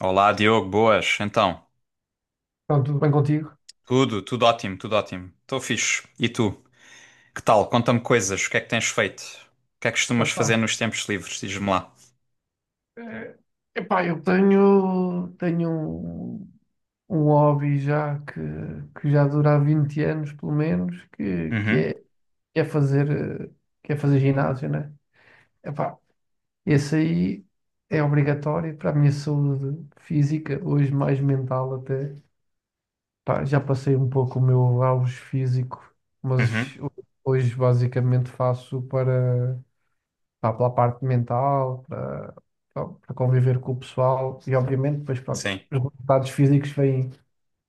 Olá, Diogo, boas. Então, Então, tudo bem contigo? tudo ótimo, tudo ótimo. Estou fixe. E tu? Que tal? Conta-me coisas. O que é que tens feito? O que é que costumas Epá, fazer nos tempos livres? Diz-me lá. eh, eu tenho um, um hobby que já dura há 20 anos, pelo menos, Uhum, que é eh, que é fazer ginásio, né? Epá, esse aí é obrigatório para a minha saúde física, hoje mais mental até. Pá, já passei um pouco o meu auge físico, mas uhum, hoje basicamente faço para. Pá, pela parte mental, para, pá, para conviver com o pessoal e, obviamente, depois, pronto, sim, os resultados físicos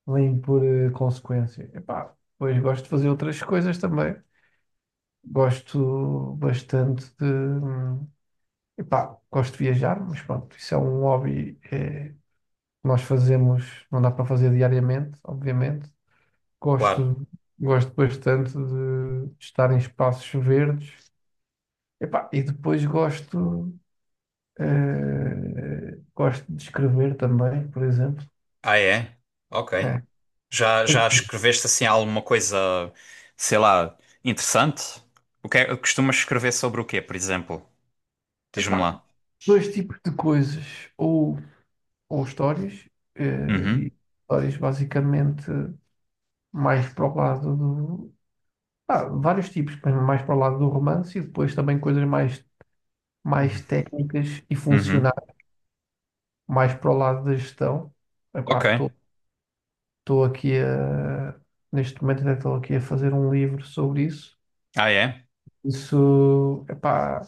vêm por consequência. E depois gosto de fazer outras coisas também. Gosto bastante de. Epá, gosto de viajar, mas pronto, isso é um hobby que nós fazemos, não dá para fazer diariamente, obviamente. claro. Gosto, gosto bastante de estar em espaços verdes. Epá, e depois gosto de escrever também, por exemplo. Ah, é? Ok. É. Já escreveste assim alguma coisa, sei lá, interessante? Costumas escrever sobre o quê, por exemplo? Diz-me Epá, lá. dois tipos de coisas, ou, ou histórias, eh, Uhum, e histórias basicamente mais para o lado do. Ah, vários tipos, mas mais para o lado do romance e depois também coisas uhum, mais técnicas e uhum. funcionais, mais para o lado da gestão. Ok. Epá, estou aqui a. Neste momento, estou aqui a fazer um livro sobre isso. Ah, é? Isso, epá,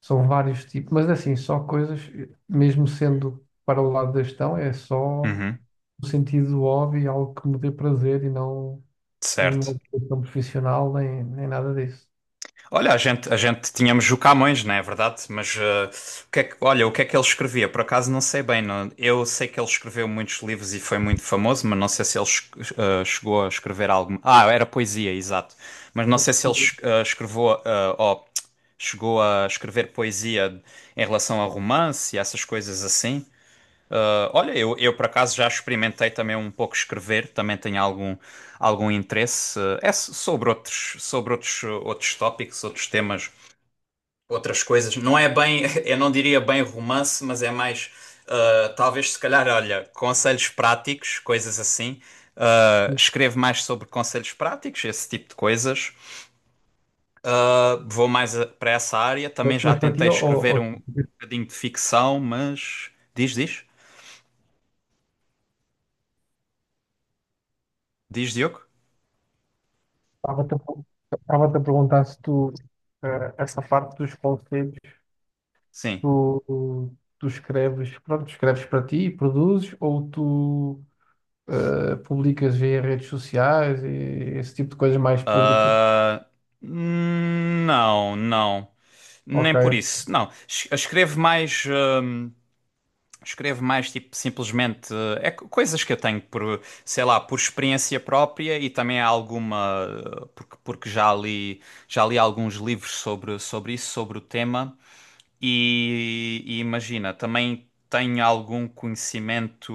são vários tipos, mas assim, só coisas, mesmo sendo para o lado da gestão, é só Uhum, o sentido do hobby, algo que me dê prazer e não nenhuma certo. ocupação profissional, nem nada disso. Olha, a gente tínhamos o Camões, não é verdade? Mas eh, o que é que- olha, o que é que ele escrevia? Por acaso não sei bem. Eu sei que ele escreveu muitos livros e foi muito famoso, mas não sei se ele chegou a escrever algo. Ah, era poesia, exato. Mas não sei se ele escreveu, ou chegou a escrever poesia em relação a romance e essas coisas assim. Olha, eu por acaso já experimentei também um pouco escrever, também tenho algum interesse. Sobre outros, outros tópicos, outros temas, outras coisas. Não é bem, eu não diria bem romance, mas é mais, talvez se calhar, olha, conselhos práticos, coisas assim. Escrevo mais sobre conselhos práticos, esse tipo de coisas. Vou mais para essa área. Também já Mas para ti, tentei eu escrever um bocadinho de ficção, mas. Diz, diz? Diz, Diogo? a per- estava-te a perguntar se tu, essa parte dos conselhos, Sim. tu, tu escreves, pronto, escreves para ti e produzes, ou tu públicas via redes sociais e esse tipo de coisas mais públicas. Ah, não, não. Nem Ok, por isso. Não. Escrevo mais. Escrevo mais, tipo, simplesmente. Coisas que eu tenho por, sei lá, por experiência própria e também há alguma. Porque já li alguns livros sobre isso, sobre o tema. E imagina, também tem algum conhecimento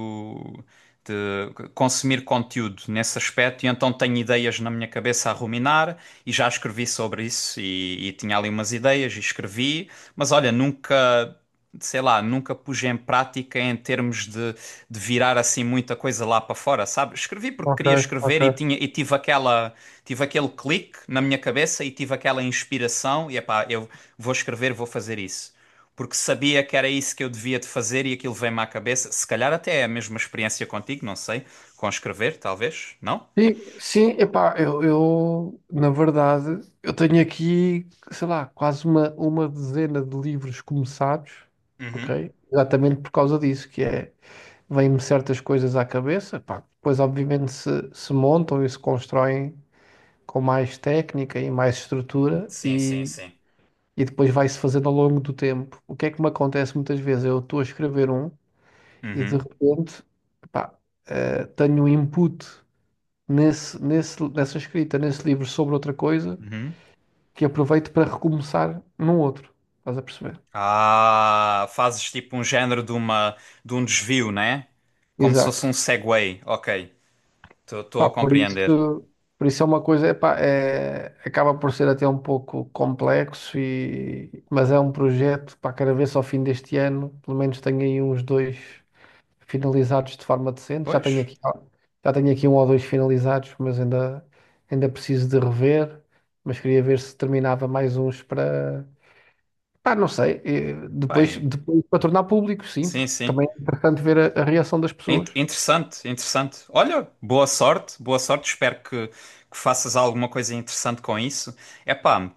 de consumir conteúdo nesse aspecto, e então tenho ideias na minha cabeça a ruminar, e já escrevi sobre isso, e tinha ali umas ideias, e escrevi, mas olha, nunca, sei lá, nunca pus em prática em termos de virar assim muita coisa lá para fora, sabe? Escrevi porque ok, queria ok. escrever e tive aquele clique na minha cabeça, e tive aquela inspiração, e epá, eu vou escrever, vou fazer isso porque sabia que era isso que eu devia de fazer e aquilo veio-me à cabeça. Se calhar até é a mesma experiência contigo, não sei. Com escrever, talvez, não? Sim, epá, na verdade, eu tenho aqui, sei lá, quase uma dezena de livros começados, Uhum. ok? Exatamente por causa disso, que é, vêm-me certas coisas à cabeça, pá, depois obviamente se montam e se constroem com mais técnica e mais estrutura Sim, sim, sim. e depois vai-se fazendo ao longo do tempo. O que é que me acontece muitas vezes? Eu estou a escrever um e de Uhum. repente, pá, tenho um input nessa escrita, nesse livro sobre outra coisa Uhum. que aproveito para recomeçar num outro. Estás a perceber? Ah, fazes tipo um género de um desvio, né? Como se fosse Exato. um segue. Ok, estou Pá, a por compreender. isso, por isso é uma coisa, epá, é, acaba por ser até um pouco complexo, e, mas é um projeto, pá, quero ver se ao fim deste ano, pelo menos tenho aí uns dois. Finalizados de forma decente. Pois, Já tenho aqui um ou dois finalizados, ainda preciso de rever. Mas queria ver se terminava mais uns para. Pá, não sei. Depois, bem, depois para tornar público, sim, sim, porque sim. também é importante ver a reação das In- pessoas. interessante, interessante. Olha, boa sorte, boa sorte. Espero que faças alguma coisa interessante com isso. Epá,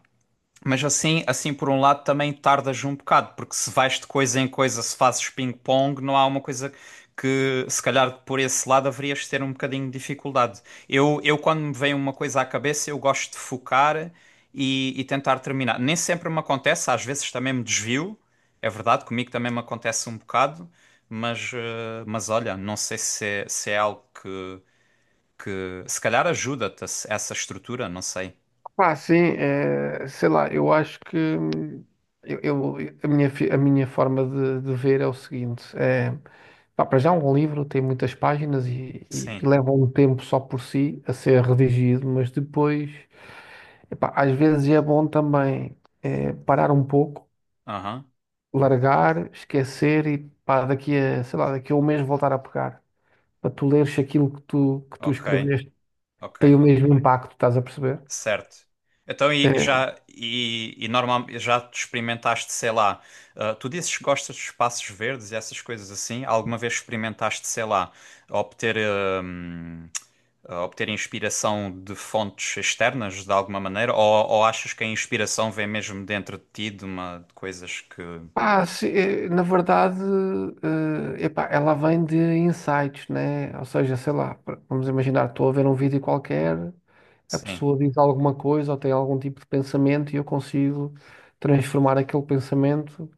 mas assim por um lado também tardas um bocado, porque se vais de coisa em coisa, se fazes ping-pong, não há uma coisa que se calhar por esse lado haverias de ter um bocadinho de dificuldade. Eu quando me vem uma coisa à cabeça, eu gosto de focar e tentar terminar. Nem sempre me acontece, às vezes também me desvio, é verdade, comigo também me acontece um bocado, mas olha, não sei se é algo que se calhar ajuda-te essa estrutura, não sei. Pá, sim, sei lá, eu acho que eu, eu- a minha, a minha forma de ver é o seguinte: é, pá, para já, um livro tem muitas páginas e Sim. leva um tempo só por si a ser redigido, mas depois. Epá, às vezes é bom também parar um pouco, Aham. largar, esquecer e pá, daqui a um mês voltar a pegar. Para tu leres se aquilo que tu Ok. escreveste Ok, tem o mesmo impacto, estás a perceber? certo. Então, e Eh, já, e normal, já te experimentaste, sei lá, tu dizes que gostas de espaços verdes e essas coisas assim, alguma vez experimentaste, sei lá, obter, ah, hum, obter inspiração de fontes externas de alguma maneira, ou achas que a inspiração vem mesmo dentro de ti, de coisas que... Pá, se- eh, na verdade, epá, ela vem de insights, né? Ou seja, sei lá, vamos imaginar, estou a ver um vídeo qualquer, a Sim, pessoa diz alguma coisa ou tem algum tipo de pensamento e eu consigo transformar aquele pensamento.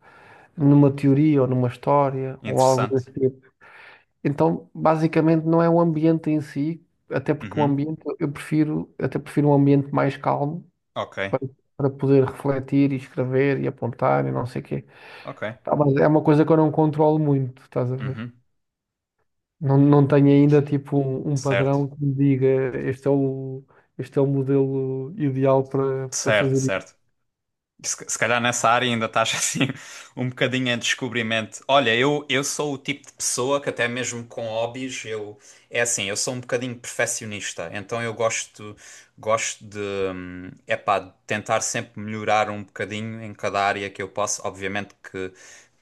Numa teoria ou numa história ou algo interessante. desse tipo. Então, basicamente, não é o ambiente em si, até porque o Uhum. ambiente, eu até prefiro um ambiente mais calmo Ok, para, para poder refletir e escrever e apontar e não sei o quê. ok. Tá, mas é uma coisa que eu não controlo muito, estás a ver? Uhum. Não, não tenho ainda tipo um Certo, padrão que me diga este é o, este é o modelo ideal para, para certo, fazer certo. isso. Se calhar nessa área ainda estás assim um bocadinho em descobrimento. Olha, eu sou o tipo de pessoa que até mesmo com hobbies, eu é assim, eu sou um bocadinho perfeccionista, então eu gosto de, epá, de tentar sempre melhorar um bocadinho em cada área que eu posso. Obviamente que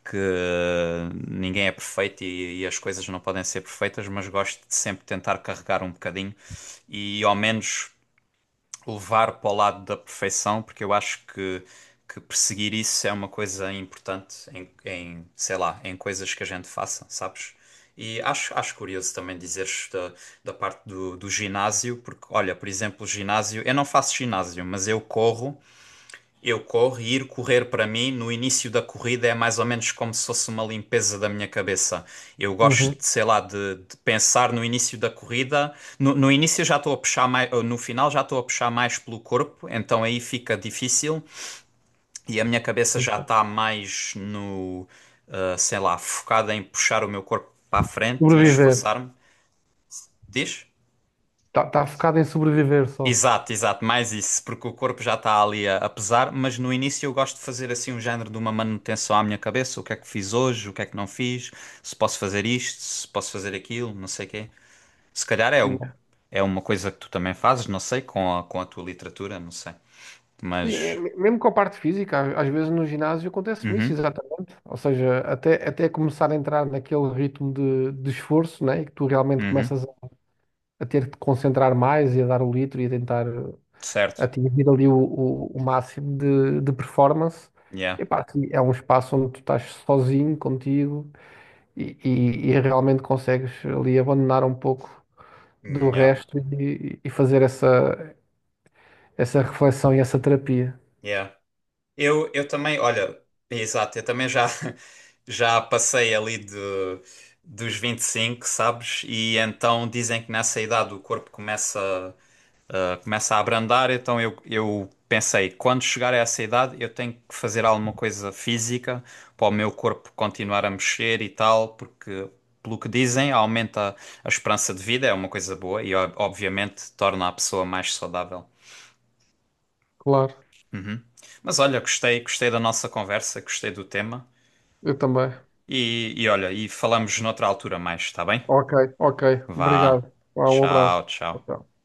que ninguém é perfeito e as coisas não podem ser perfeitas, mas gosto de sempre tentar carregar um bocadinho e ao menos levar para o lado da perfeição, porque eu acho que perseguir isso é uma coisa importante em, sei lá, em coisas que a gente faça, sabes? E acho curioso também dizeres da, parte do ginásio, porque, olha, por exemplo, o ginásio, eu não faço ginásio, mas eu corro e ir correr para mim no início da corrida é mais ou menos como se fosse uma limpeza da minha cabeça. Eu gosto, Uhum. de sei lá, de pensar no início da corrida. No início já estou a puxar mais, ou no final já estou a puxar mais pelo corpo, então aí fica difícil e a minha cabeça já está mais no, sei lá, focada em puxar o meu corpo para a frente e Sobreviver. esforçar-me. Diz? Está focado em sobreviver só. Exato, exato, mais isso, porque o corpo já está ali a pesar, mas no início eu gosto de fazer assim um género de uma manutenção à minha cabeça, o que é que fiz hoje, o que é que não fiz, se posso fazer isto, se posso fazer aquilo, não sei o quê. Se calhar é uma coisa que tu também fazes, não sei, com a tua literatura, não sei. Sim, é, Mas, mesmo com a parte física, às vezes no ginásio acontece isso, uhum, exatamente. Ou seja, até começar a entrar naquele ritmo de esforço, né? E que tu realmente uhum, começas a ter que te concentrar mais e a dar o litro e a tentar certo, atingir ali o máximo de performance. yeah, Epá, sim, é um espaço onde tu estás sozinho, contigo, e realmente consegues ali abandonar um pouco do Mm, yeah, resto e fazer essa reflexão e essa terapia. yeah. Eu também, olha, exato, eu também já, já passei ali dos 25, sabes? E então dizem que nessa idade o corpo começa a abrandar, então eu pensei, quando chegar a essa idade eu tenho que fazer alguma coisa física para o meu corpo continuar a mexer e tal, porque, pelo que dizem, aumenta a esperança de vida, é uma coisa boa e obviamente torna a pessoa mais saudável. Claro, Mas olha, gostei da nossa conversa, gostei do tema. eu também. E olha, e falamos noutra altura mais, está bem? Ok, ok. Vá. Obrigado. Vá, um abraço. Tchau, Tchau, tchau. tchau.